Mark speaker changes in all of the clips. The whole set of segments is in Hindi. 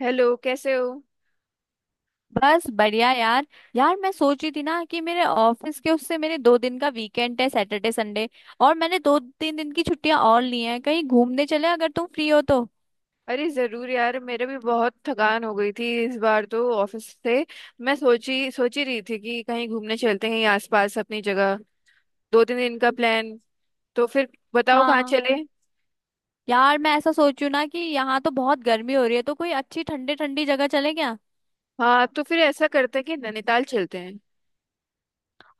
Speaker 1: हेलो, कैसे हो?
Speaker 2: बस बढ़िया यार। मैं सोच रही थी ना कि मेरे ऑफिस के उससे मेरे दो दिन का वीकेंड है, सैटरडे संडे। और मैंने दो तीन दिन की छुट्टियां और ली हैं, कहीं घूमने चले अगर तुम फ्री हो तो।
Speaker 1: अरे जरूर यार, मेरे भी बहुत थकान हो गई थी इस बार तो ऑफिस से। मैं सोच ही रही थी कि कहीं घूमने चलते हैं, कहीं आसपास अपनी जगह, 2-3 दिन का प्लान। तो फिर बताओ कहाँ
Speaker 2: हाँ,
Speaker 1: चले।
Speaker 2: यार मैं ऐसा सोच रही हूँ ना कि यहाँ तो बहुत गर्मी हो रही है, तो कोई अच्छी ठंडी ठंडी जगह चले क्या।
Speaker 1: हाँ तो फिर ऐसा करते हैं कि नैनीताल चलते हैं।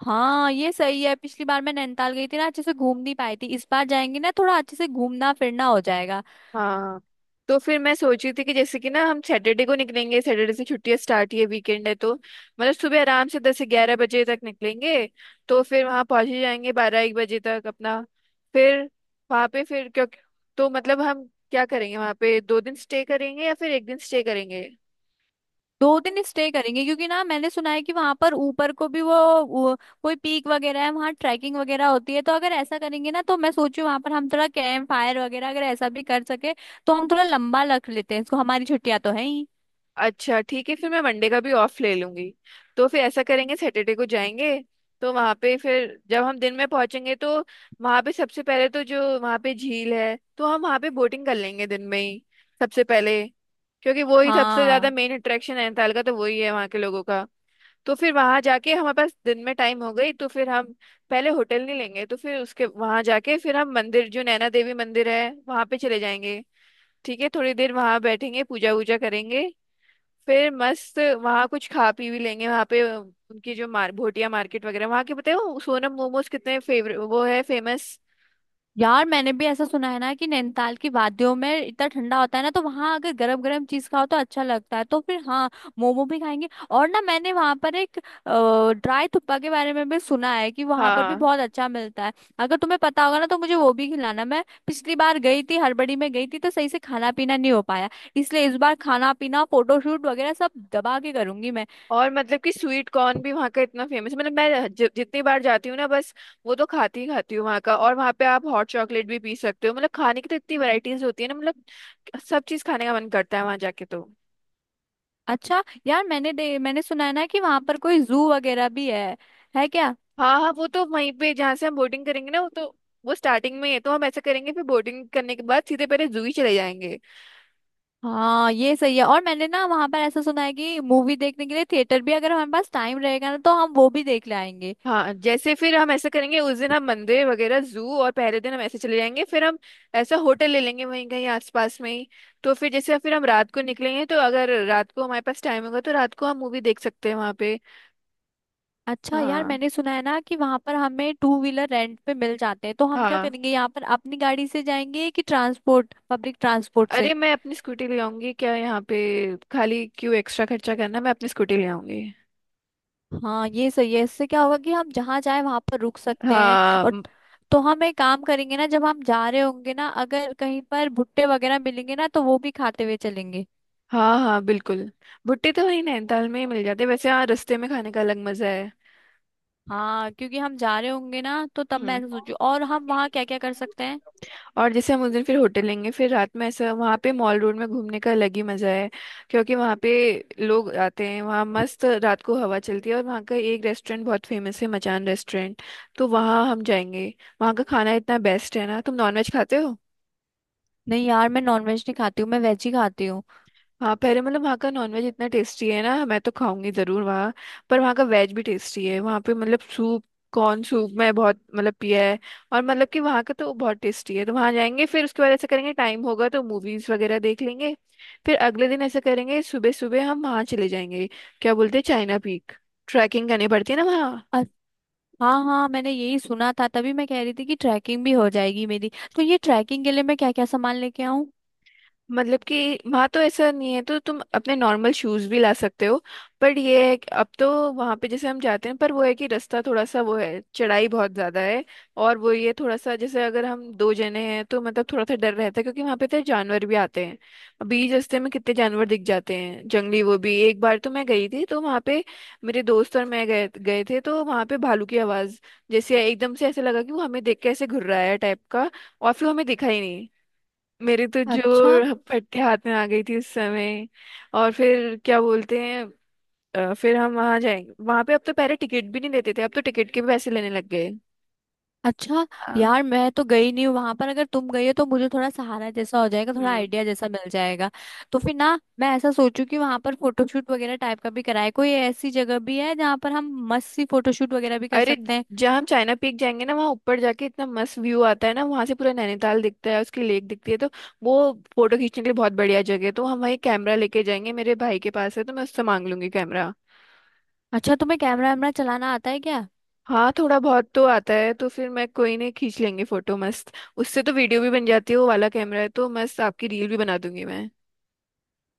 Speaker 2: हाँ ये सही है, पिछली बार मैं नैनीताल गई थी ना, अच्छे से घूम नहीं पाई थी। इस बार जाएंगे ना थोड़ा अच्छे से घूमना फिरना हो जाएगा।
Speaker 1: हाँ तो फिर मैं सोच रही थी कि जैसे कि ना हम सैटरडे को निकलेंगे, सैटरडे से छुट्टियां स्टार्ट ही है, वीकेंड है, तो मतलब सुबह आराम से 10 से 11 बजे तक निकलेंगे। तो फिर वहाँ पहुँच ही जाएंगे 12, 1 बजे तक अपना। फिर वहाँ पे फिर क्यों, तो मतलब हम क्या करेंगे वहाँ पे, 2 दिन स्टे करेंगे या फिर 1 दिन स्टे करेंगे।
Speaker 2: दो दिन स्टे करेंगे, क्योंकि ना मैंने सुना है कि वहां पर ऊपर को भी वो कोई पीक वगैरह है, वहां ट्रैकिंग वगैरह होती है। तो अगर ऐसा करेंगे ना तो मैं सोचू वहां पर हम थोड़ा कैंप फायर वगैरह अगर ऐसा भी कर सके, तो हम थोड़ा लंबा रख लेते हैं इसको, हमारी छुट्टियां तो है ही।
Speaker 1: अच्छा ठीक है, फिर मैं मंडे का भी ऑफ ले लूंगी। तो फिर ऐसा करेंगे सैटरडे को जाएंगे। तो वहां पे फिर जब हम दिन में पहुंचेंगे तो वहां पे सबसे पहले तो जो वहां पे झील है तो हम वहां पे बोटिंग कर लेंगे दिन में ही, सबसे पहले। क्योंकि वो ही सबसे ज्यादा
Speaker 2: हाँ
Speaker 1: मेन अट्रैक्शन है नैनीताल का, तो वही है वहाँ के लोगों का। तो फिर वहां जाके हमारे पास दिन में टाइम हो गई तो फिर हम पहले होटल नहीं लेंगे, तो फिर उसके वहां जाके फिर हम मंदिर जो नैना देवी मंदिर है वहां पे चले जाएंगे। ठीक है, थोड़ी देर वहां बैठेंगे पूजा वूजा करेंगे। फिर मस्त वहाँ कुछ खा पी भी लेंगे, वहाँ पे उनकी जो मार भोटिया मार्केट वगैरह वहाँ के बताए, वो सोनम मोमोज कितने फेवरेट, वो है फेमस।
Speaker 2: यार, मैंने भी ऐसा सुना है ना कि नैनीताल की वादियों में इतना ठंडा होता है ना, तो वहां अगर गरम गरम चीज खाओ तो अच्छा लगता है। तो फिर हाँ, मोमो भी खाएंगे। और ना मैंने वहां पर एक ड्राई थुप्पा के बारे में भी सुना है कि वहां पर भी
Speaker 1: हाँ।
Speaker 2: बहुत अच्छा मिलता है। अगर तुम्हें पता होगा ना तो मुझे वो भी खिलाना। मैं पिछली बार गई थी, हड़बड़ी में गई थी तो सही से खाना पीना नहीं हो पाया। इसलिए इस बार खाना पीना फोटोशूट वगैरह सब दबा के करूंगी मैं।
Speaker 1: और मतलब कि स्वीट कॉर्न भी वहाँ का इतना फेमस, मतलब मैं जितनी बार जाती हूँ ना, बस वो तो खाती ही खाती हूँ वहाँ का। और वहाँ पे आप हॉट चॉकलेट भी पी सकते हो, मतलब खाने की तो इतनी वैरायटीज होती है ना, मतलब सब चीज़ खाने का मन करता है वहाँ जाके, तो।
Speaker 2: अच्छा यार, मैंने सुना है ना कि वहां पर कोई जू वगैरह भी है क्या।
Speaker 1: हाँ हाँ, वो तो वहीं पे जहाँ से हम बोटिंग करेंगे ना, वो तो वो स्टार्टिंग में है, तो हम ऐसा करेंगे फिर बोटिंग करने के बाद सीधे पहले जू ही चले जाएंगे।
Speaker 2: हाँ ये सही है। और मैंने ना वहां पर ऐसा सुना है कि मूवी देखने के लिए थिएटर भी, अगर हमारे पास टाइम रहेगा ना तो हम वो भी देख ले आएंगे।
Speaker 1: हाँ, जैसे फिर हम ऐसा करेंगे उस दिन हम मंदिर वगैरह जू, और पहले दिन हम ऐसे चले जाएंगे फिर हम ऐसा होटल ले लेंगे वहीं कहीं आसपास में ही। तो फिर जैसे फिर हम रात को निकलेंगे तो अगर रात को हमारे पास टाइम होगा तो रात को हम मूवी देख सकते हैं वहाँ पे।
Speaker 2: अच्छा यार,
Speaker 1: हाँ
Speaker 2: मैंने सुना है ना कि वहां पर हमें टू व्हीलर रेंट पे मिल जाते हैं, तो हम क्या
Speaker 1: हाँ।
Speaker 2: करेंगे, यहाँ पर अपनी गाड़ी से जाएंगे कि ट्रांसपोर्ट, पब्लिक ट्रांसपोर्ट से।
Speaker 1: अरे मैं अपनी स्कूटी ले आऊंगी क्या यहाँ पे, खाली क्यों एक्स्ट्रा खर्चा करना, मैं अपनी स्कूटी ले आऊंगी।
Speaker 2: हाँ ये सही है, इससे क्या होगा कि हम जहाँ जाए वहां पर रुक सकते हैं।
Speaker 1: हाँ।
Speaker 2: और तो हम एक काम करेंगे ना, जब हम जा रहे होंगे ना अगर कहीं पर भुट्टे वगैरह मिलेंगे ना तो वो भी खाते हुए चलेंगे।
Speaker 1: हाँ हाँ बिल्कुल, भुट्टे तो वहीं नैनीताल में ही मिल जाते हैं। वैसे हाँ, रास्ते में खाने का अलग मजा है।
Speaker 2: हाँ, क्योंकि हम जा रहे होंगे ना तो तब मैं
Speaker 1: हम्म।
Speaker 2: ऐसा सोचू और हम वहाँ क्या क्या कर सकते हैं।
Speaker 1: और जैसे हम उस दिन फिर होटल लेंगे, फिर रात में ऐसा वहाँ पे मॉल रोड में घूमने का अलग ही मज़ा है। क्योंकि वहाँ पे लोग आते हैं, वहाँ मस्त रात को हवा चलती है, और वहाँ का एक रेस्टोरेंट बहुत फेमस है, मचान रेस्टोरेंट, तो वहाँ हम जाएंगे। वहाँ का खाना इतना बेस्ट है ना, तुम नॉनवेज खाते हो?
Speaker 2: नहीं यार, मैं नॉनवेज नहीं खाती हूँ, मैं वेज ही खाती हूँ।
Speaker 1: हाँ, पहले मतलब वहाँ का नॉनवेज इतना टेस्टी है ना, मैं तो खाऊंगी जरूर वहाँ। पर वहाँ का वेज भी टेस्टी है वहाँ पे, मतलब सूप, कॉर्न सूप मैं बहुत मतलब पिया है। और मतलब कि वहाँ का तो बहुत टेस्टी है, तो वहाँ जाएंगे, फिर उसके बाद ऐसा करेंगे टाइम होगा तो मूवीज वगैरह देख लेंगे। फिर अगले दिन ऐसा करेंगे सुबह सुबह हम वहाँ चले जाएंगे, क्या बोलते हैं, चाइना पीक। ट्रैकिंग करनी पड़ती है ना वहाँ।
Speaker 2: अ- हाँ हाँ, मैंने यही सुना था, तभी मैं कह रही थी कि ट्रैकिंग भी हो जाएगी मेरी। तो ये ट्रैकिंग के लिए मैं क्या क्या सामान लेके आऊँ।
Speaker 1: मतलब कि वहाँ तो ऐसा नहीं है, तो तुम अपने नॉर्मल शूज भी ला सकते हो। पर ये है कि अब तो वहाँ पे जैसे हम जाते हैं, पर वो है कि रास्ता थोड़ा सा वो है, चढ़ाई बहुत ज़्यादा है। और वो ये थोड़ा सा जैसे अगर हम 2 जने हैं तो मतलब थोड़ा सा डर रहता है, क्योंकि वहाँ पे तो जानवर भी आते हैं बीच रास्ते में, कितने जानवर दिख जाते हैं जंगली, वो भी एक बार तो मैं गई थी तो वहाँ पे मेरे दोस्त और मैं गए गए थे, तो वहाँ पे भालू की आवाज़, जैसे एकदम से ऐसे लगा कि वो हमें देख के ऐसे घुर्राया टाइप का, और फिर हमें दिखा ही नहीं। मेरे तो
Speaker 2: अच्छा।
Speaker 1: जो पट्टे हाथ में आ गई थी उस समय। और फिर क्या बोलते हैं, फिर हम वहां जाएंगे वहां पे, अब तो पहले टिकट भी नहीं देते थे, अब तो टिकट के भी पैसे लेने लग गए।
Speaker 2: अच्छा
Speaker 1: हाँ।
Speaker 2: यार, मैं तो गई नहीं हूँ वहां पर, अगर तुम गई हो तो मुझे थोड़ा सहारा जैसा हो जाएगा, थोड़ा
Speaker 1: हम्म।
Speaker 2: आइडिया जैसा मिल जाएगा। तो फिर ना मैं ऐसा सोचू कि वहां पर फोटोशूट वगैरह टाइप का भी कराए, कोई ऐसी जगह भी है जहाँ पर हम मस्त सी फोटोशूट वगैरह भी कर
Speaker 1: अरे
Speaker 2: सकते हैं।
Speaker 1: जहाँ हम चाइना पीक जाएंगे ना, वहाँ ऊपर जाके इतना मस्त व्यू आता है ना, वहां से पूरा नैनीताल दिखता है, उसकी लेक दिखती है, तो वो फोटो खींचने के लिए बहुत बढ़िया जगह है, तो हम वही कैमरा लेके जाएंगे, मेरे भाई के पास है तो मैं उससे मांग लूंगी कैमरा।
Speaker 2: अच्छा तुम्हें कैमरा वैमरा चलाना आता है क्या।
Speaker 1: हाँ थोड़ा बहुत तो आता है, तो फिर मैं, कोई नहीं, खींच लेंगे फोटो मस्त। उससे तो वीडियो भी बन जाती है, वो वाला कैमरा है, तो मस्त आपकी रील भी बना दूंगी मैं।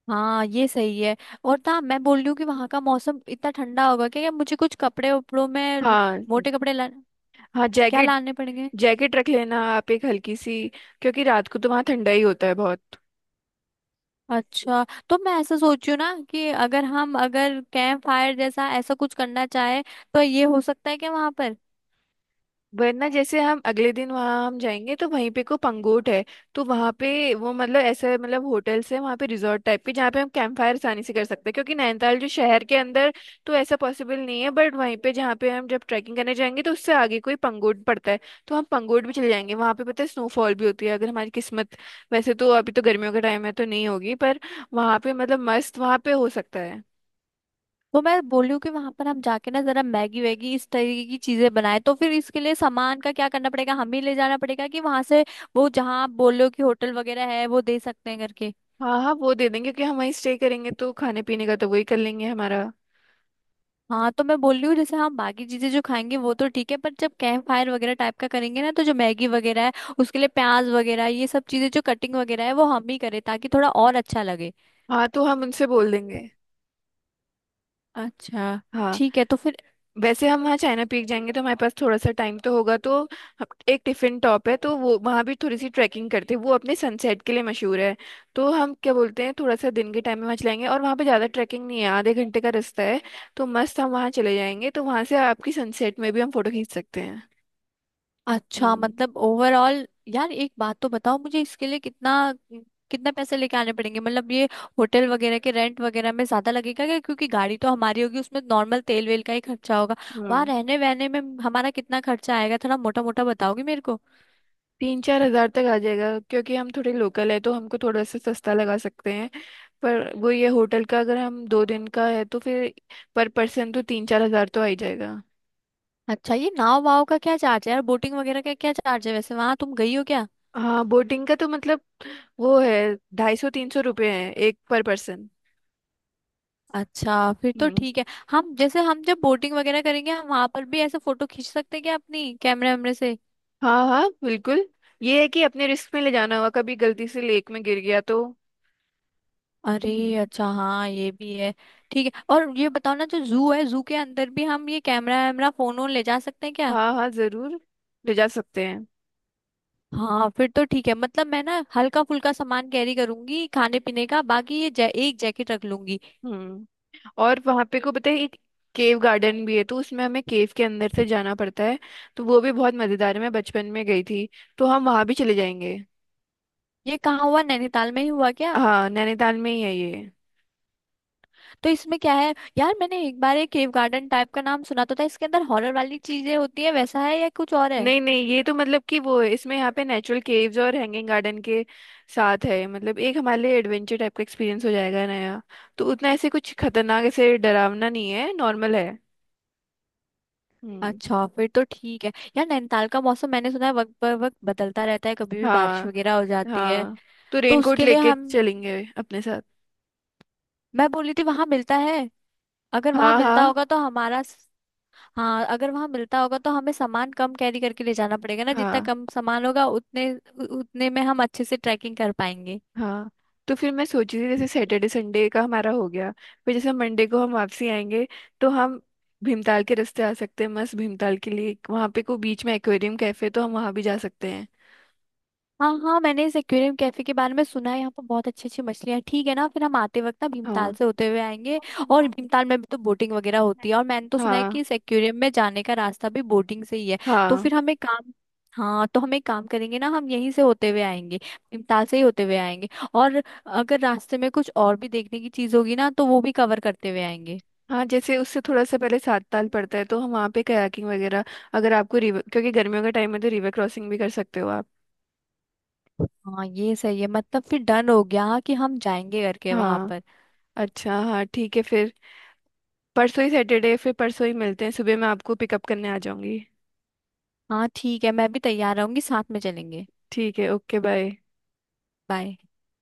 Speaker 2: हाँ ये सही है। और ना मैं बोल रही हूँ कि वहां का मौसम इतना ठंडा होगा क्या, क्या मुझे कुछ कपड़े उपड़ों में
Speaker 1: हाँ।
Speaker 2: मोटे कपड़े ला,
Speaker 1: हाँ
Speaker 2: क्या
Speaker 1: जैकेट।
Speaker 2: लाने पड़ेंगे।
Speaker 1: जैकेट रख लेना आप एक हल्की सी, क्योंकि रात को तो वहाँ ठंडा ही होता है बहुत।
Speaker 2: अच्छा। तो मैं ऐसा सोच रही हूँ ना कि अगर हम अगर कैंप फायर जैसा ऐसा कुछ करना चाहे, तो ये हो सकता है क्या वहां पर।
Speaker 1: वरना जैसे हम अगले दिन वहां हम जाएंगे तो वहीं पे को पंगोट है, तो वहां पे वो मतलब ऐसा मतलब होटल्स है वहां पे रिजॉर्ट टाइप के, जहाँ पे हम कैंप फायर आसानी से कर सकते हैं, क्योंकि नैनीताल जो शहर के अंदर तो ऐसा पॉसिबल नहीं है, बट वहीं पे जहाँ पे हम जब ट्रैकिंग करने जाएंगे तो उससे आगे कोई पंगोट पड़ता है, तो हम पंगोट भी चले जाएंगे वहां पे। पता है स्नोफॉल भी होती है अगर हमारी किस्मत, वैसे तो अभी तो गर्मियों का टाइम है तो नहीं होगी, पर वहां पे मतलब मस्त, वहां पे हो सकता है।
Speaker 2: तो मैं बोल रही हूँ कि वहां पर हम जाके ना जरा मैगी वैगी इस तरीके की चीजें बनाए, तो फिर इसके लिए सामान का क्या करना पड़ेगा, हमें ले जाना पड़ेगा कि वहां से वो, जहाँ आप बोल रहे हो कि होटल वगैरह है वो दे सकते हैं करके।
Speaker 1: हाँ हाँ, वो दे देंगे क्योंकि हम वहीं स्टे करेंगे, तो खाने पीने का तो वही कर लेंगे हमारा।
Speaker 2: हाँ तो मैं बोल रही हूँ, जैसे हम बाकी चीजें जो खाएंगे वो तो ठीक है, पर जब कैंप फायर वगैरह टाइप का करेंगे ना तो जो मैगी वगैरह है उसके लिए प्याज वगैरह ये सब चीजें जो कटिंग वगैरह है वो हम ही करें ताकि थोड़ा और अच्छा लगे।
Speaker 1: हाँ तो हम उनसे बोल देंगे।
Speaker 2: अच्छा।
Speaker 1: हाँ।
Speaker 2: ठीक है तो फिर।
Speaker 1: वैसे हम वहाँ चाइना पीक जाएंगे तो हमारे पास थोड़ा सा टाइम तो होगा, तो एक टिफिन टॉप है, तो वो वहाँ भी थोड़ी सी ट्रैकिंग करते हैं, वो अपने सनसेट के लिए मशहूर है, तो हम क्या बोलते हैं थोड़ा सा दिन के टाइम में वहाँ चलाएंगे, और वहाँ पे ज़्यादा ट्रैकिंग नहीं है, आधे घंटे का रास्ता है, तो मस्त हम वहाँ चले जाएंगे, तो वहाँ से आपकी सनसेट में भी हम फोटो खींच सकते हैं।
Speaker 2: अच्छा मतलब ओवरऑल, यार एक बात तो बताओ मुझे, इसके लिए कितना, कितना पैसे लेके आने पड़ेंगे। मतलब ये होटल वगैरह के रेंट वगैरह में ज्यादा लगेगा क्या, क्योंकि गाड़ी तो हमारी होगी उसमें नॉर्मल तेल वेल का ही खर्चा होगा। वहां
Speaker 1: हम्म।
Speaker 2: रहने वहने में हमारा कितना खर्चा आएगा, थोड़ा मोटा मोटा बताओगी मेरे को।
Speaker 1: तीन चार हजार तक आ जाएगा, क्योंकि हम थोड़े लोकल है तो हमको थोड़ा सा सस्ता लगा सकते हैं, पर वो ये होटल का अगर हम 2 दिन का है तो फिर पर पर्सन तो 3-4 हज़ार तो आ ही जाएगा।
Speaker 2: अच्छा ये नाव वाव का क्या चार्ज है यार, बोटिंग वगैरह का क्या चार्ज है, वैसे वहां तुम गई हो क्या।
Speaker 1: हाँ, बोटिंग का तो मतलब, वो है 250-300 रुपये है एक पर पर्सन।
Speaker 2: अच्छा फिर तो
Speaker 1: हम्म।
Speaker 2: ठीक है। हम जैसे हम जब बोटिंग वगैरह करेंगे हम वहां पर भी ऐसे फोटो खींच सकते हैं क्या अपनी कैमरे वैमरे से।
Speaker 1: हाँ हाँ बिल्कुल, ये है कि अपने रिस्क में ले जाना होगा, कभी गलती से लेक में गिर गया तो।
Speaker 2: अरे
Speaker 1: हम्म।
Speaker 2: अच्छा हाँ ये भी है। ठीक है, और ये बताओ ना जो जू है, जू के अंदर भी हम ये कैमरा वैमरा फोन वोन ले जा सकते हैं क्या।
Speaker 1: हाँ हाँ जरूर, ले जा सकते हैं।
Speaker 2: हाँ फिर तो ठीक है, मतलब मैं ना हल्का फुल्का सामान कैरी करूंगी खाने पीने का, बाकी ये एक जैकेट रख लूंगी।
Speaker 1: हम्म। और वहां पे को पता है एक केव गार्डन भी है, तो उसमें हमें केव के अंदर से जाना पड़ता है, तो वो भी बहुत मजेदार है, मैं बचपन में गई थी, तो हम वहां भी चले जाएंगे।
Speaker 2: ये कहाँ हुआ, नैनीताल में ही हुआ क्या।
Speaker 1: हाँ नैनीताल में ही है ये।
Speaker 2: तो इसमें क्या है यार, मैंने एक बार एक केव गार्डन टाइप का नाम सुना तो था, इसके अंदर हॉरर वाली चीजें होती है वैसा है या कुछ और है।
Speaker 1: नहीं नहीं, ये तो मतलब कि वो है इसमें, यहाँ पे नेचुरल केव्स और हैंगिंग गार्डन के साथ है, मतलब एक हमारे लिए एडवेंचर टाइप का एक्सपीरियंस हो जाएगा नया, तो उतना ऐसे कुछ खतरनाक ऐसे डरावना नहीं है, नॉर्मल है। हम्म।
Speaker 2: अच्छा फिर तो ठीक है। यार नैनीताल का मौसम मैंने सुना है वक्त पर वक्त बदलता रहता है, कभी भी बारिश
Speaker 1: हाँ
Speaker 2: वगैरह हो जाती है।
Speaker 1: हाँ, तो
Speaker 2: तो
Speaker 1: रेनकोट
Speaker 2: उसके लिए
Speaker 1: लेके
Speaker 2: हम,
Speaker 1: चलेंगे अपने साथ।
Speaker 2: मैं बोली थी वहां मिलता है, अगर वहां
Speaker 1: हाँ
Speaker 2: मिलता
Speaker 1: हाँ।
Speaker 2: होगा तो हाँ अगर वहां मिलता होगा तो हमें सामान कम कैरी करके ले जाना पड़ेगा ना, जितना
Speaker 1: हाँ
Speaker 2: कम सामान होगा उतने में हम अच्छे से ट्रैकिंग कर पाएंगे।
Speaker 1: हाँ। तो फिर मैं सोच रही थी जैसे सैटरडे संडे का हमारा हो गया, फिर जैसे मंडे को हम वापसी आएंगे, तो हम भीमताल के रास्ते आ सकते हैं, मस्त, भीमताल के लिए वहाँ पे कोई बीच में एक्वेरियम कैफे, तो हम वहाँ भी जा सकते हैं।
Speaker 2: हाँ हाँ, मैंने इस एक्वेरियम कैफे के बारे में सुना है, यहाँ पर बहुत अच्छी अच्छी मछलियाँ हैं। ठीक है ना, फिर हम आते वक्त ना भीमताल
Speaker 1: हाँ।
Speaker 2: से होते हुए आएंगे। और भीमताल में भी तो बोटिंग वगैरह होती है, और मैंने तो सुना है
Speaker 1: हाँ।
Speaker 2: कि इस एक्वेरियम में जाने का रास्ता भी बोटिंग से ही है। तो
Speaker 1: हाँ।
Speaker 2: फिर हमें काम हाँ तो हम एक काम करेंगे ना, हम यहीं से होते हुए आएंगे, भीमताल से ही होते हुए आएंगे। और अगर रास्ते में कुछ और भी देखने की चीज होगी ना तो वो भी कवर करते हुए आएंगे।
Speaker 1: हाँ, जैसे उससे थोड़ा सा पहले सात ताल पड़ता है, तो हम वहाँ पे कयाकिंग वगैरह, अगर आपको रिवर, क्योंकि गर्मियों का टाइम है तो रिवर क्रॉसिंग भी कर सकते हो आप।
Speaker 2: हाँ ये सही है, मतलब फिर डन हो गया कि हम जाएंगे करके वहां
Speaker 1: हाँ।
Speaker 2: पर।
Speaker 1: अच्छा हाँ ठीक है फिर, परसों ही सैटरडे, फिर परसों ही मिलते हैं सुबह, मैं आपको पिकअप करने आ जाऊंगी।
Speaker 2: हाँ ठीक है, मैं भी तैयार रहूंगी, साथ में चलेंगे।
Speaker 1: ठीक है, ओके बाय।
Speaker 2: बाय।